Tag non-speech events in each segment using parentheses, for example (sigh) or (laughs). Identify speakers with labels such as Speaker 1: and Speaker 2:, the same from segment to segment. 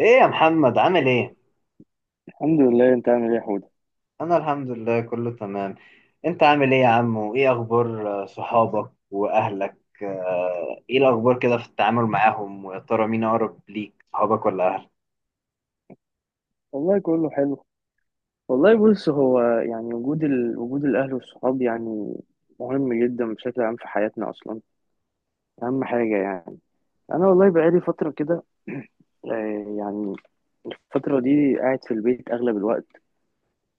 Speaker 1: ايه يا محمد عامل ايه؟
Speaker 2: الحمد لله، انت عامل ايه يا حوده؟
Speaker 1: انا الحمد لله كله تمام. انت عامل ايه يا عم وايه اخبار صحابك واهلك؟ ايه الاخبار كده في التعامل معاهم ويا ترى مين اقرب ليك صحابك ولا اهلك؟
Speaker 2: والله كله حلو. والله بص، هو يعني وجود وجود الاهل والصحاب يعني مهم جدا بشكل عام في حياتنا اصلا. اهم حاجه يعني. انا والله بقالي فتره كده. (clears throat) يعني الفتره دي قاعد في البيت اغلب الوقت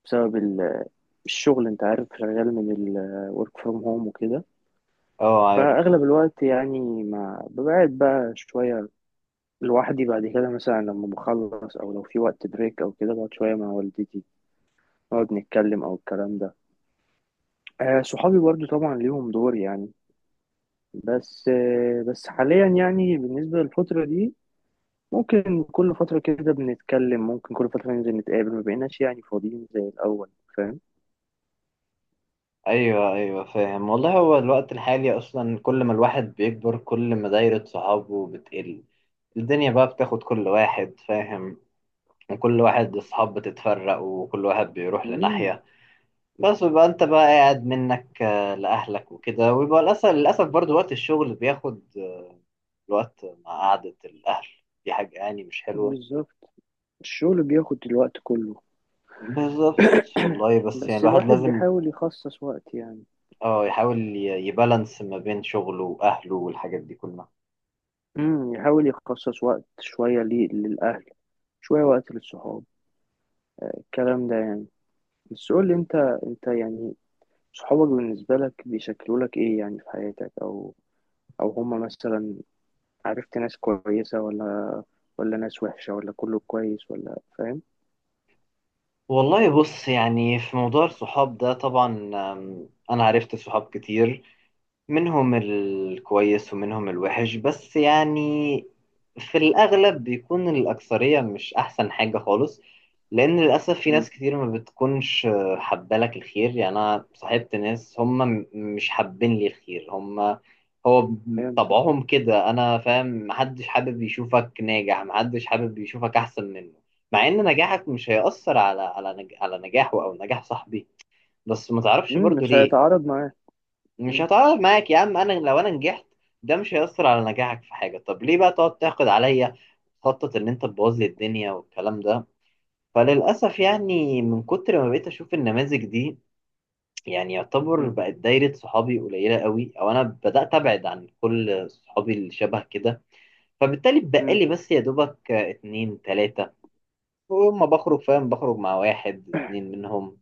Speaker 2: بسبب الشغل، انت عارف شغال من ال work from home وكده.
Speaker 1: اه عارف.
Speaker 2: فاغلب الوقت يعني ما ببقى قاعد بقى شويه لوحدي، بعد كده مثلا لما بخلص او لو في وقت بريك او كده بقعد شويه مع والدتي، نقعد نتكلم او الكلام ده. آه، صحابي برضو طبعا ليهم دور يعني. بس آه بس حاليا يعني بالنسبة للفترة دي ممكن كل فترة كده بنتكلم، ممكن كل فترة ننزل نتقابل، ما بقيناش يعني فاضيين زي الأول. فاهم؟
Speaker 1: ايوه ايوه فاهم. والله هو الوقت الحالي اصلا كل ما الواحد بيكبر كل ما دايرة صحابه بتقل. الدنيا بقى بتاخد كل واحد، فاهم، وكل واحد الصحاب بتتفرق وكل واحد بيروح
Speaker 2: مم،
Speaker 1: لناحية. بس بيبقى انت بقى قاعد منك لاهلك وكده، ويبقى للاسف برضو وقت الشغل بياخد الوقت مع قعدة الاهل. دي حاجة يعني مش حلوة.
Speaker 2: بالظبط. الشغل بياخد الوقت كله.
Speaker 1: بالظبط. والله بس يعني
Speaker 2: بس
Speaker 1: الواحد
Speaker 2: الواحد
Speaker 1: لازم
Speaker 2: بيحاول يخصص وقت يعني.
Speaker 1: اه يحاول يبالانس ما بين شغله واهله والحاجات دي كلها.
Speaker 2: يحاول يخصص وقت شوية ليه للأهل، شوية وقت للصحاب، الكلام ده يعني. بس قول لي انت، انت يعني صحابك بالنسبة لك بيشكلوا لك ايه يعني في حياتك؟ او او هما مثلا عرفت ناس كويسة ولا ولا ناس وحشة ولا كله كويس، ولا فاهم؟
Speaker 1: والله بص يعني في موضوع الصحاب ده طبعا، انا عرفت صحاب كتير، منهم الكويس ومنهم الوحش، بس يعني في الأغلب بيكون الأكثرية مش أحسن حاجة خالص. لأن للأسف في
Speaker 2: امم
Speaker 1: ناس كتير ما بتكونش حبالك الخير، يعني أنا صاحبت ناس هم مش حابين لي الخير. هم هو
Speaker 2: فهمت.
Speaker 1: طبعهم كده. أنا فاهم محدش حابب يشوفك ناجح، محدش حابب يشوفك أحسن منه، مع إن نجاحك مش هيأثر على على نجاحه أو نجاح صاحبي. بس ما تعرفش برضو
Speaker 2: مش
Speaker 1: ليه.
Speaker 2: هيتعارض معاه.
Speaker 1: مش
Speaker 2: مم.
Speaker 1: هتعرف معاك يا عم، انا لو انا نجحت ده مش هيأثر على نجاحك في حاجة. طب ليه بقى تقعد تحقد عليا وتخطط ان انت تبوظ لي الدنيا والكلام ده؟ فللأسف يعني من كتر ما بقيت اشوف النماذج دي، يعني يعتبر
Speaker 2: مم.
Speaker 1: بقت دايرة صحابي قليلة قوي، او انا بدأت ابعد عن كل صحابي اللي شبه كده. فبالتالي
Speaker 2: مم.
Speaker 1: بقالي بس يا دوبك اتنين تلاتة، وما بخرج، فاهم، بخرج مع واحد اتنين منهم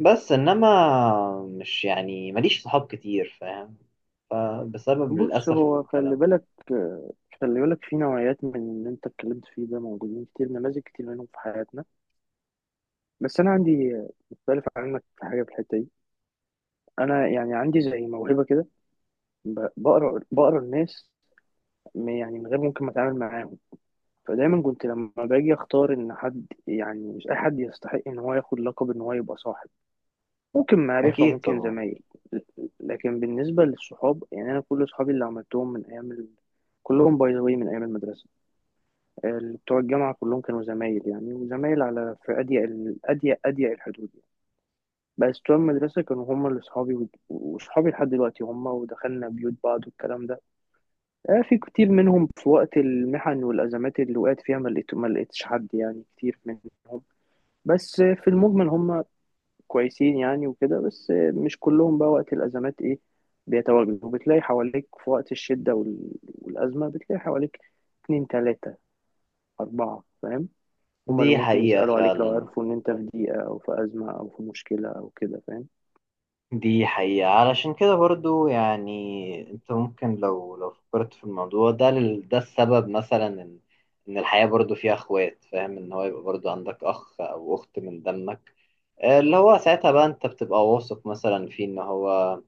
Speaker 1: بس. انما مش يعني ماليش صحاب كتير، فاهم، فبسبب
Speaker 2: بص،
Speaker 1: للأسف
Speaker 2: هو خلي
Speaker 1: الكلام ده.
Speaker 2: بالك، خلي بالك في نوعيات من اللي انت اتكلمت فيه ده موجودين كتير، نماذج كتير منهم في حياتنا. بس انا عندي مختلف عنك في حاجة في الحتة دي. انا يعني عندي زي موهبة كده، بقرا الناس يعني من غير ممكن ما اتعامل معاهم. فدايما كنت لما باجي اختار ان حد، يعني مش اي حد يستحق ان هو ياخد لقب ان هو يبقى صاحب. ممكن معرفة،
Speaker 1: أكيد
Speaker 2: ممكن
Speaker 1: طبعا.
Speaker 2: زمايل، لكن بالنسبة للصحاب يعني انا كل صحابي اللي عملتهم من ايام كلهم باي ذا واي من ايام المدرسة. اللي بتوع الجامعة كلهم كانوا زمايل يعني، وزمايل على في اضيق اضيق اضيق الحدود يعني. بس بتوع المدرسة كانوا هم اللي صحابي، وصحابي لحد دلوقتي هم، ودخلنا بيوت بعض والكلام ده. آه، في كتير منهم في وقت المحن والأزمات اللي وقعت فيها ما لقيتش حد يعني كتير منهم. بس آه، في المجمل هم كويسين يعني وكده. بس آه، مش كلهم بقى وقت الأزمات إيه بيتواجدوا. بتلاقي حواليك في وقت الشدة والأزمة بتلاقي حواليك اتنين تلاتة أربعة، فاهم؟ هما اللي
Speaker 1: دي
Speaker 2: ممكن
Speaker 1: حقيقة
Speaker 2: يسألوا عليك لو
Speaker 1: فعلا.
Speaker 2: عرفوا إن أنت في ضيقة أو في أزمة أو في مشكلة أو كده، فاهم؟
Speaker 1: دي حقيقة علشان كده برضو، يعني أنت ممكن لو فكرت في الموضوع ده ده السبب مثلا إن الحياة برضو فيها أخوات، فاهم، إن هو يبقى برضو عندك أخ أو أخت من دمك، اللي هو ساعتها بقى أنت بتبقى واثق مثلا فيه إن هو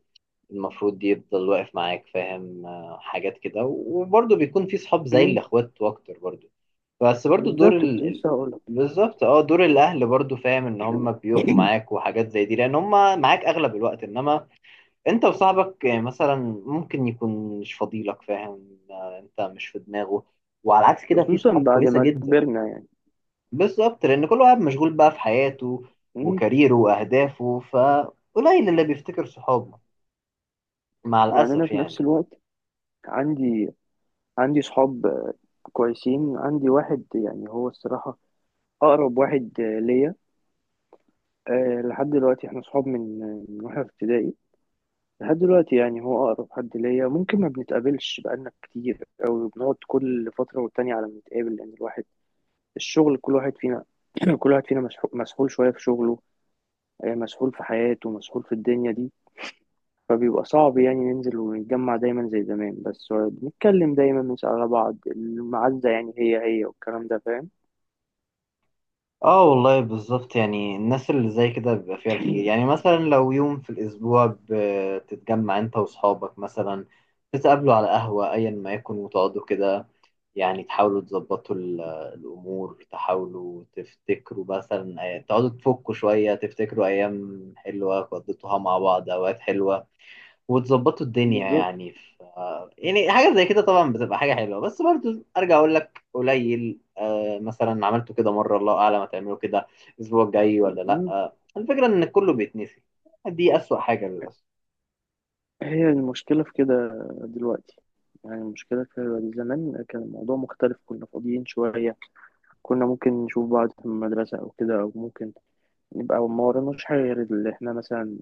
Speaker 1: المفروض يفضل واقف معاك، فاهم، حاجات كده. وبرضو بيكون في صحاب زي
Speaker 2: مم،
Speaker 1: الأخوات وأكتر برضو. بس برضو دور
Speaker 2: بالظبط، كنت لسه هقولك.
Speaker 1: بالظبط اه دور الاهل برضو، فاهم، ان هم بيقفوا
Speaker 2: (clears throat)
Speaker 1: معاك وحاجات زي دي لان هم معاك اغلب الوقت. انما انت وصاحبك مثلا ممكن يكون مش فضيلك، فاهم، انت مش في دماغه. وعلى عكس كده في
Speaker 2: خصوصا
Speaker 1: صحاب
Speaker 2: بعد
Speaker 1: كويسة
Speaker 2: ما
Speaker 1: جدا.
Speaker 2: كبرنا يعني.
Speaker 1: بالظبط لان كل واحد مشغول بقى في حياته
Speaker 2: مم،
Speaker 1: وكاريره واهدافه، فقليل اللي بيفتكر صحابه، مع
Speaker 2: يعني أنا
Speaker 1: الاسف
Speaker 2: في نفس
Speaker 1: يعني.
Speaker 2: الوقت عندي، عندي صحاب آه، كويسين. عندي واحد يعني هو الصراحة أقرب واحد آه، ليا. آه، لحد دلوقتي احنا صحاب من آه، من واحنا في ابتدائي لحد دلوقتي. يعني هو أقرب حد ليا. ممكن ما بنتقابلش بقالنا كتير، أو بنقعد كل فترة والتانية على ما نتقابل، لأن الواحد الشغل كل واحد فينا، (clears throat) كل واحد فينا مسحول شوية في شغله، آه، مسحول في حياته، مسحول في الدنيا دي. فبيبقى صعب يعني ننزل ونتجمع دايما زي زمان. بس آه، بنتكلم دايما، بنسأل على بعض، المعزة يعني هي هي والكلام ده، فاهم؟
Speaker 1: اه والله بالظبط، يعني الناس اللي زي كده بيبقى فيها الخير، يعني مثلا لو يوم في الأسبوع بتتجمع أنت وأصحابك مثلا تتقابلوا على قهوة أيا ما يكن وتقعدوا كده، يعني تحاولوا تظبطوا الأمور، تحاولوا تفتكروا مثلا تقعدوا تفكوا شوية، تفتكروا أيام حلوة قضيتوها مع بعض، أوقات حلوة، وتظبطوا الدنيا
Speaker 2: بالظبط.
Speaker 1: يعني يعني حاجة زي كده طبعا بتبقى حاجة حلوة. بس برضو أرجع أقول لك قليل. آه مثلا عملته كده مرة، الله أعلم هتعمله كده الأسبوع الجاي ولا لأ.
Speaker 2: م-
Speaker 1: آه الفكرة إن كله بيتنسي، دي أسوأ حاجة للأسف.
Speaker 2: هي المشكلة في كده دلوقتي. يعني المشكلة في زمان كان الموضوع مختلف، كنا فاضيين شوية. كنا ممكن نشوف بعض في المدرسة أو كده، أو ممكن نبقى ما وراناش حاجة غير اللي إحنا مثلا،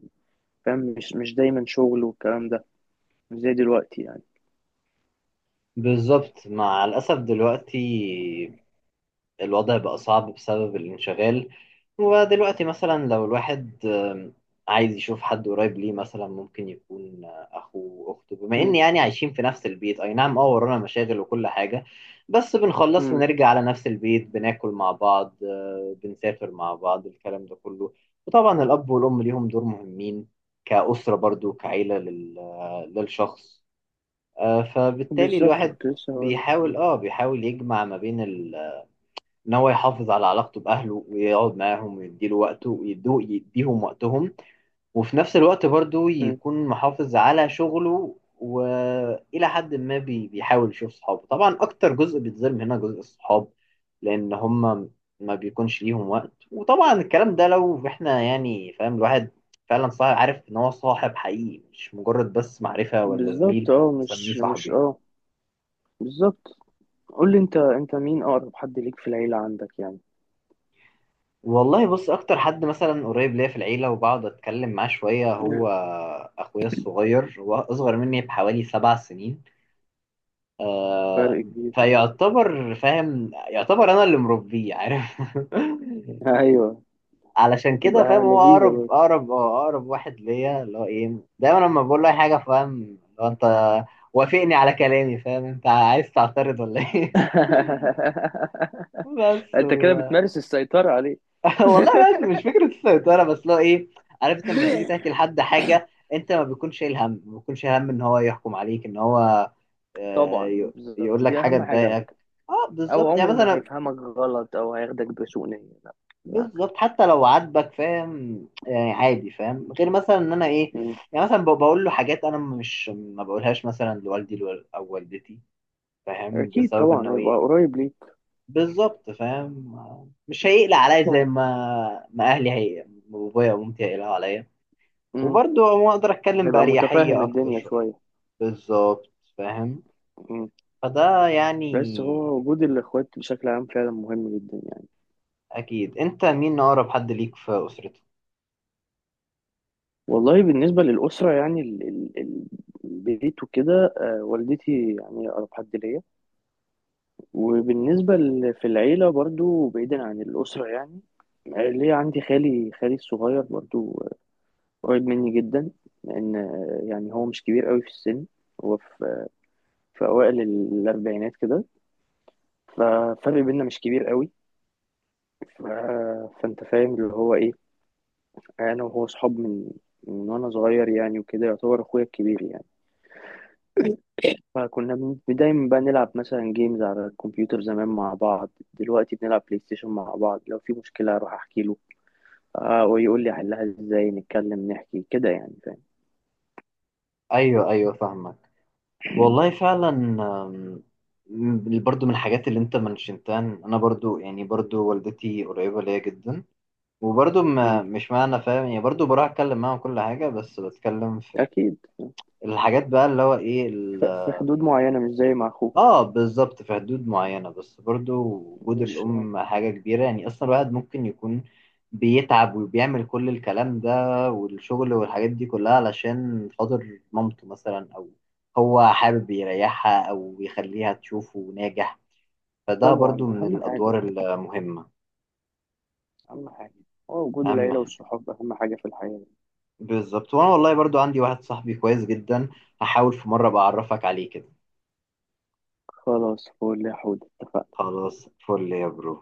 Speaker 2: فاهم؟ مش دايما شغل والكلام ده. مش زي دلوقتي يعني.
Speaker 1: بالظبط. مع الأسف دلوقتي الوضع بقى صعب بسبب الانشغال. ودلوقتي مثلا لو الواحد عايز يشوف حد قريب ليه مثلا ممكن يكون أخوه أخته، بما إن
Speaker 2: م-
Speaker 1: يعني عايشين في نفس البيت. أي نعم، أه ورانا مشاغل وكل حاجة، بس بنخلص
Speaker 2: م.
Speaker 1: ونرجع على نفس البيت بناكل مع بعض، بنسافر مع بعض الكلام ده كله. وطبعا الأب والأم ليهم دور مهمين كأسرة برضو، كعيلة للشخص. فبالتالي
Speaker 2: بالظبط،
Speaker 1: الواحد
Speaker 2: كنت لسه هقول.
Speaker 1: بيحاول يجمع ما بين ال ان هو يحافظ على علاقته باهله ويقعد معاهم ويديله وقته ويدوه يديهم وقتهم. وفي نفس الوقت برضو يكون محافظ على شغله، والى حد ما بيحاول يشوف صحابه. طبعا اكتر جزء بيتظلم هنا جزء الصحاب لان هم ما بيكونش ليهم وقت. وطبعا الكلام ده لو احنا يعني، فاهم، الواحد فعلا صاحب عارف ان هو صاحب حقيقي مش مجرد بس معرفة ولا
Speaker 2: بالظبط،
Speaker 1: زميل
Speaker 2: اه
Speaker 1: هسميه
Speaker 2: مش
Speaker 1: صاحبي.
Speaker 2: اه بالظبط. قول لي انت، انت مين اقرب حد ليك في العيلة عندك يعني؟
Speaker 1: والله بص اكتر حد مثلا قريب ليا في العيله وبقعد اتكلم معاه شويه هو
Speaker 2: (clears throat)
Speaker 1: اخويا الصغير. هو اصغر مني بحوالي 7 سنين. آه
Speaker 2: فرق كبير. (laughs)
Speaker 1: فيعتبر، فاهم، يعتبر انا اللي مربيه، عارف. (laughs)
Speaker 2: ايوه.
Speaker 1: علشان كده، فاهم،
Speaker 2: بتبقى
Speaker 1: هو
Speaker 2: لذيذة.
Speaker 1: اقرب واحد ليا، اللي هو ايه، دايما لما بقول له اي حاجه، فاهم، لو انت وافقني على كلامي، فاهم، انت عايز تعترض ولا ايه؟ (laughs)
Speaker 2: (laughs)
Speaker 1: بس
Speaker 2: انت كده بتمارس السيطرة عليه.
Speaker 1: (laughs) والله بس مش فكرة السيطرة، بس لو ايه، عرفت، لما تيجي تحكي
Speaker 2: (laughs)
Speaker 1: لحد حاجة انت ما بيكونش شايل هم، ان هو يحكم عليك، ان هو
Speaker 2: طبعا
Speaker 1: يقول
Speaker 2: بالظبط،
Speaker 1: لك
Speaker 2: دي
Speaker 1: حاجة
Speaker 2: اهم حاجة على
Speaker 1: تضايقك.
Speaker 2: فكرة.
Speaker 1: اه
Speaker 2: او
Speaker 1: بالظبط يعني
Speaker 2: عمره ما
Speaker 1: مثلا،
Speaker 2: هيفهمك غلط او هياخدك بسوء نية، لا بالعكس.
Speaker 1: بالظبط حتى لو عاتبك، فاهم، يعني عادي، فاهم، غير مثلا ان انا ايه،
Speaker 2: مم.
Speaker 1: يعني مثلا بقول له حاجات انا مش ما بقولهاش مثلا لوالدي او والدتي، فاهم،
Speaker 2: اكيد
Speaker 1: بسبب
Speaker 2: طبعا
Speaker 1: انه
Speaker 2: هيبقى
Speaker 1: ايه،
Speaker 2: قريب ليك.
Speaker 1: بالظبط، فاهم، مش هيقلق عليا زي ما اهلي هي بابايا ومامتي هيقلقوا عليا.
Speaker 2: مم.
Speaker 1: وبرضه ما اقدر اتكلم
Speaker 2: هيبقى متفاهم
Speaker 1: باريحيه اكتر
Speaker 2: الدنيا
Speaker 1: شويه،
Speaker 2: شوية.
Speaker 1: بالظبط، فاهم،
Speaker 2: مم.
Speaker 1: فده يعني.
Speaker 2: بس هو وجود الاخوات بشكل عام فعلا مهم جدا يعني.
Speaker 1: اكيد، انت مين اقرب حد ليك في اسرتك؟
Speaker 2: والله بالنسبة للأسرة يعني البيت وكده، آه، والدتي يعني أقرب حد ليا. وبالنسبة في العيلة برضو بعيدا عن الأسرة يعني، ليه عندي خالي، خالي الصغير برضو قريب مني جدا. لأن يعني هو مش كبير قوي في السن، هو في، في أوائل الأربعينات كده، ففرق بينا مش كبير قوي. ف... فأنت فاهم اللي هو إيه، أنا وهو صحاب من من وأنا صغير يعني، وكده يعتبر أخويا الكبير يعني. فكنا دايما بقى نلعب مثلا جيمز على الكمبيوتر زمان مع بعض، دلوقتي بنلعب بلاي ستيشن مع بعض، لو في مشكلة أروح أحكي له آه ويقول لي احلها ازاي، نتكلم نحكي كده يعني، فاهم؟
Speaker 1: ايوه ايوه فاهمك. والله فعلا برضه من الحاجات اللي انت منشنتها إن انا برضه يعني برضه والدتي قريبه ليا جدا. وبرضه ما
Speaker 2: مم.
Speaker 1: مش معنى، فاهم، يعني برضه بروح اتكلم معاها كل حاجه، بس بتكلم في
Speaker 2: اكيد.
Speaker 1: الحاجات بقى اللي هو ايه.
Speaker 2: في حدود معينة، مش زي مع اخوك.
Speaker 1: اه بالظبط في حدود معينة، بس برضو وجود
Speaker 2: مش آه.
Speaker 1: الأم حاجة كبيرة. يعني أصلا الواحد ممكن يكون بيتعب وبيعمل كل الكلام ده والشغل والحاجات دي كلها علشان خاطر مامته مثلا، أو هو حابب يريحها أو يخليها تشوفه ناجح، فده
Speaker 2: طبعا
Speaker 1: برضو من
Speaker 2: اهم حاجة،
Speaker 1: الأدوار المهمة.
Speaker 2: اهم حاجة هو وجود
Speaker 1: أهم
Speaker 2: العيلة
Speaker 1: حاجة.
Speaker 2: والصحاب اهم حاجة في الحياة.
Speaker 1: بالظبط. وأنا والله برضو عندي واحد صاحبي كويس جدا، هحاول في مرة بعرفك عليه كده.
Speaker 2: خلاص فول يا حود، اتفقنا.
Speaker 1: خلاص فل يا برو.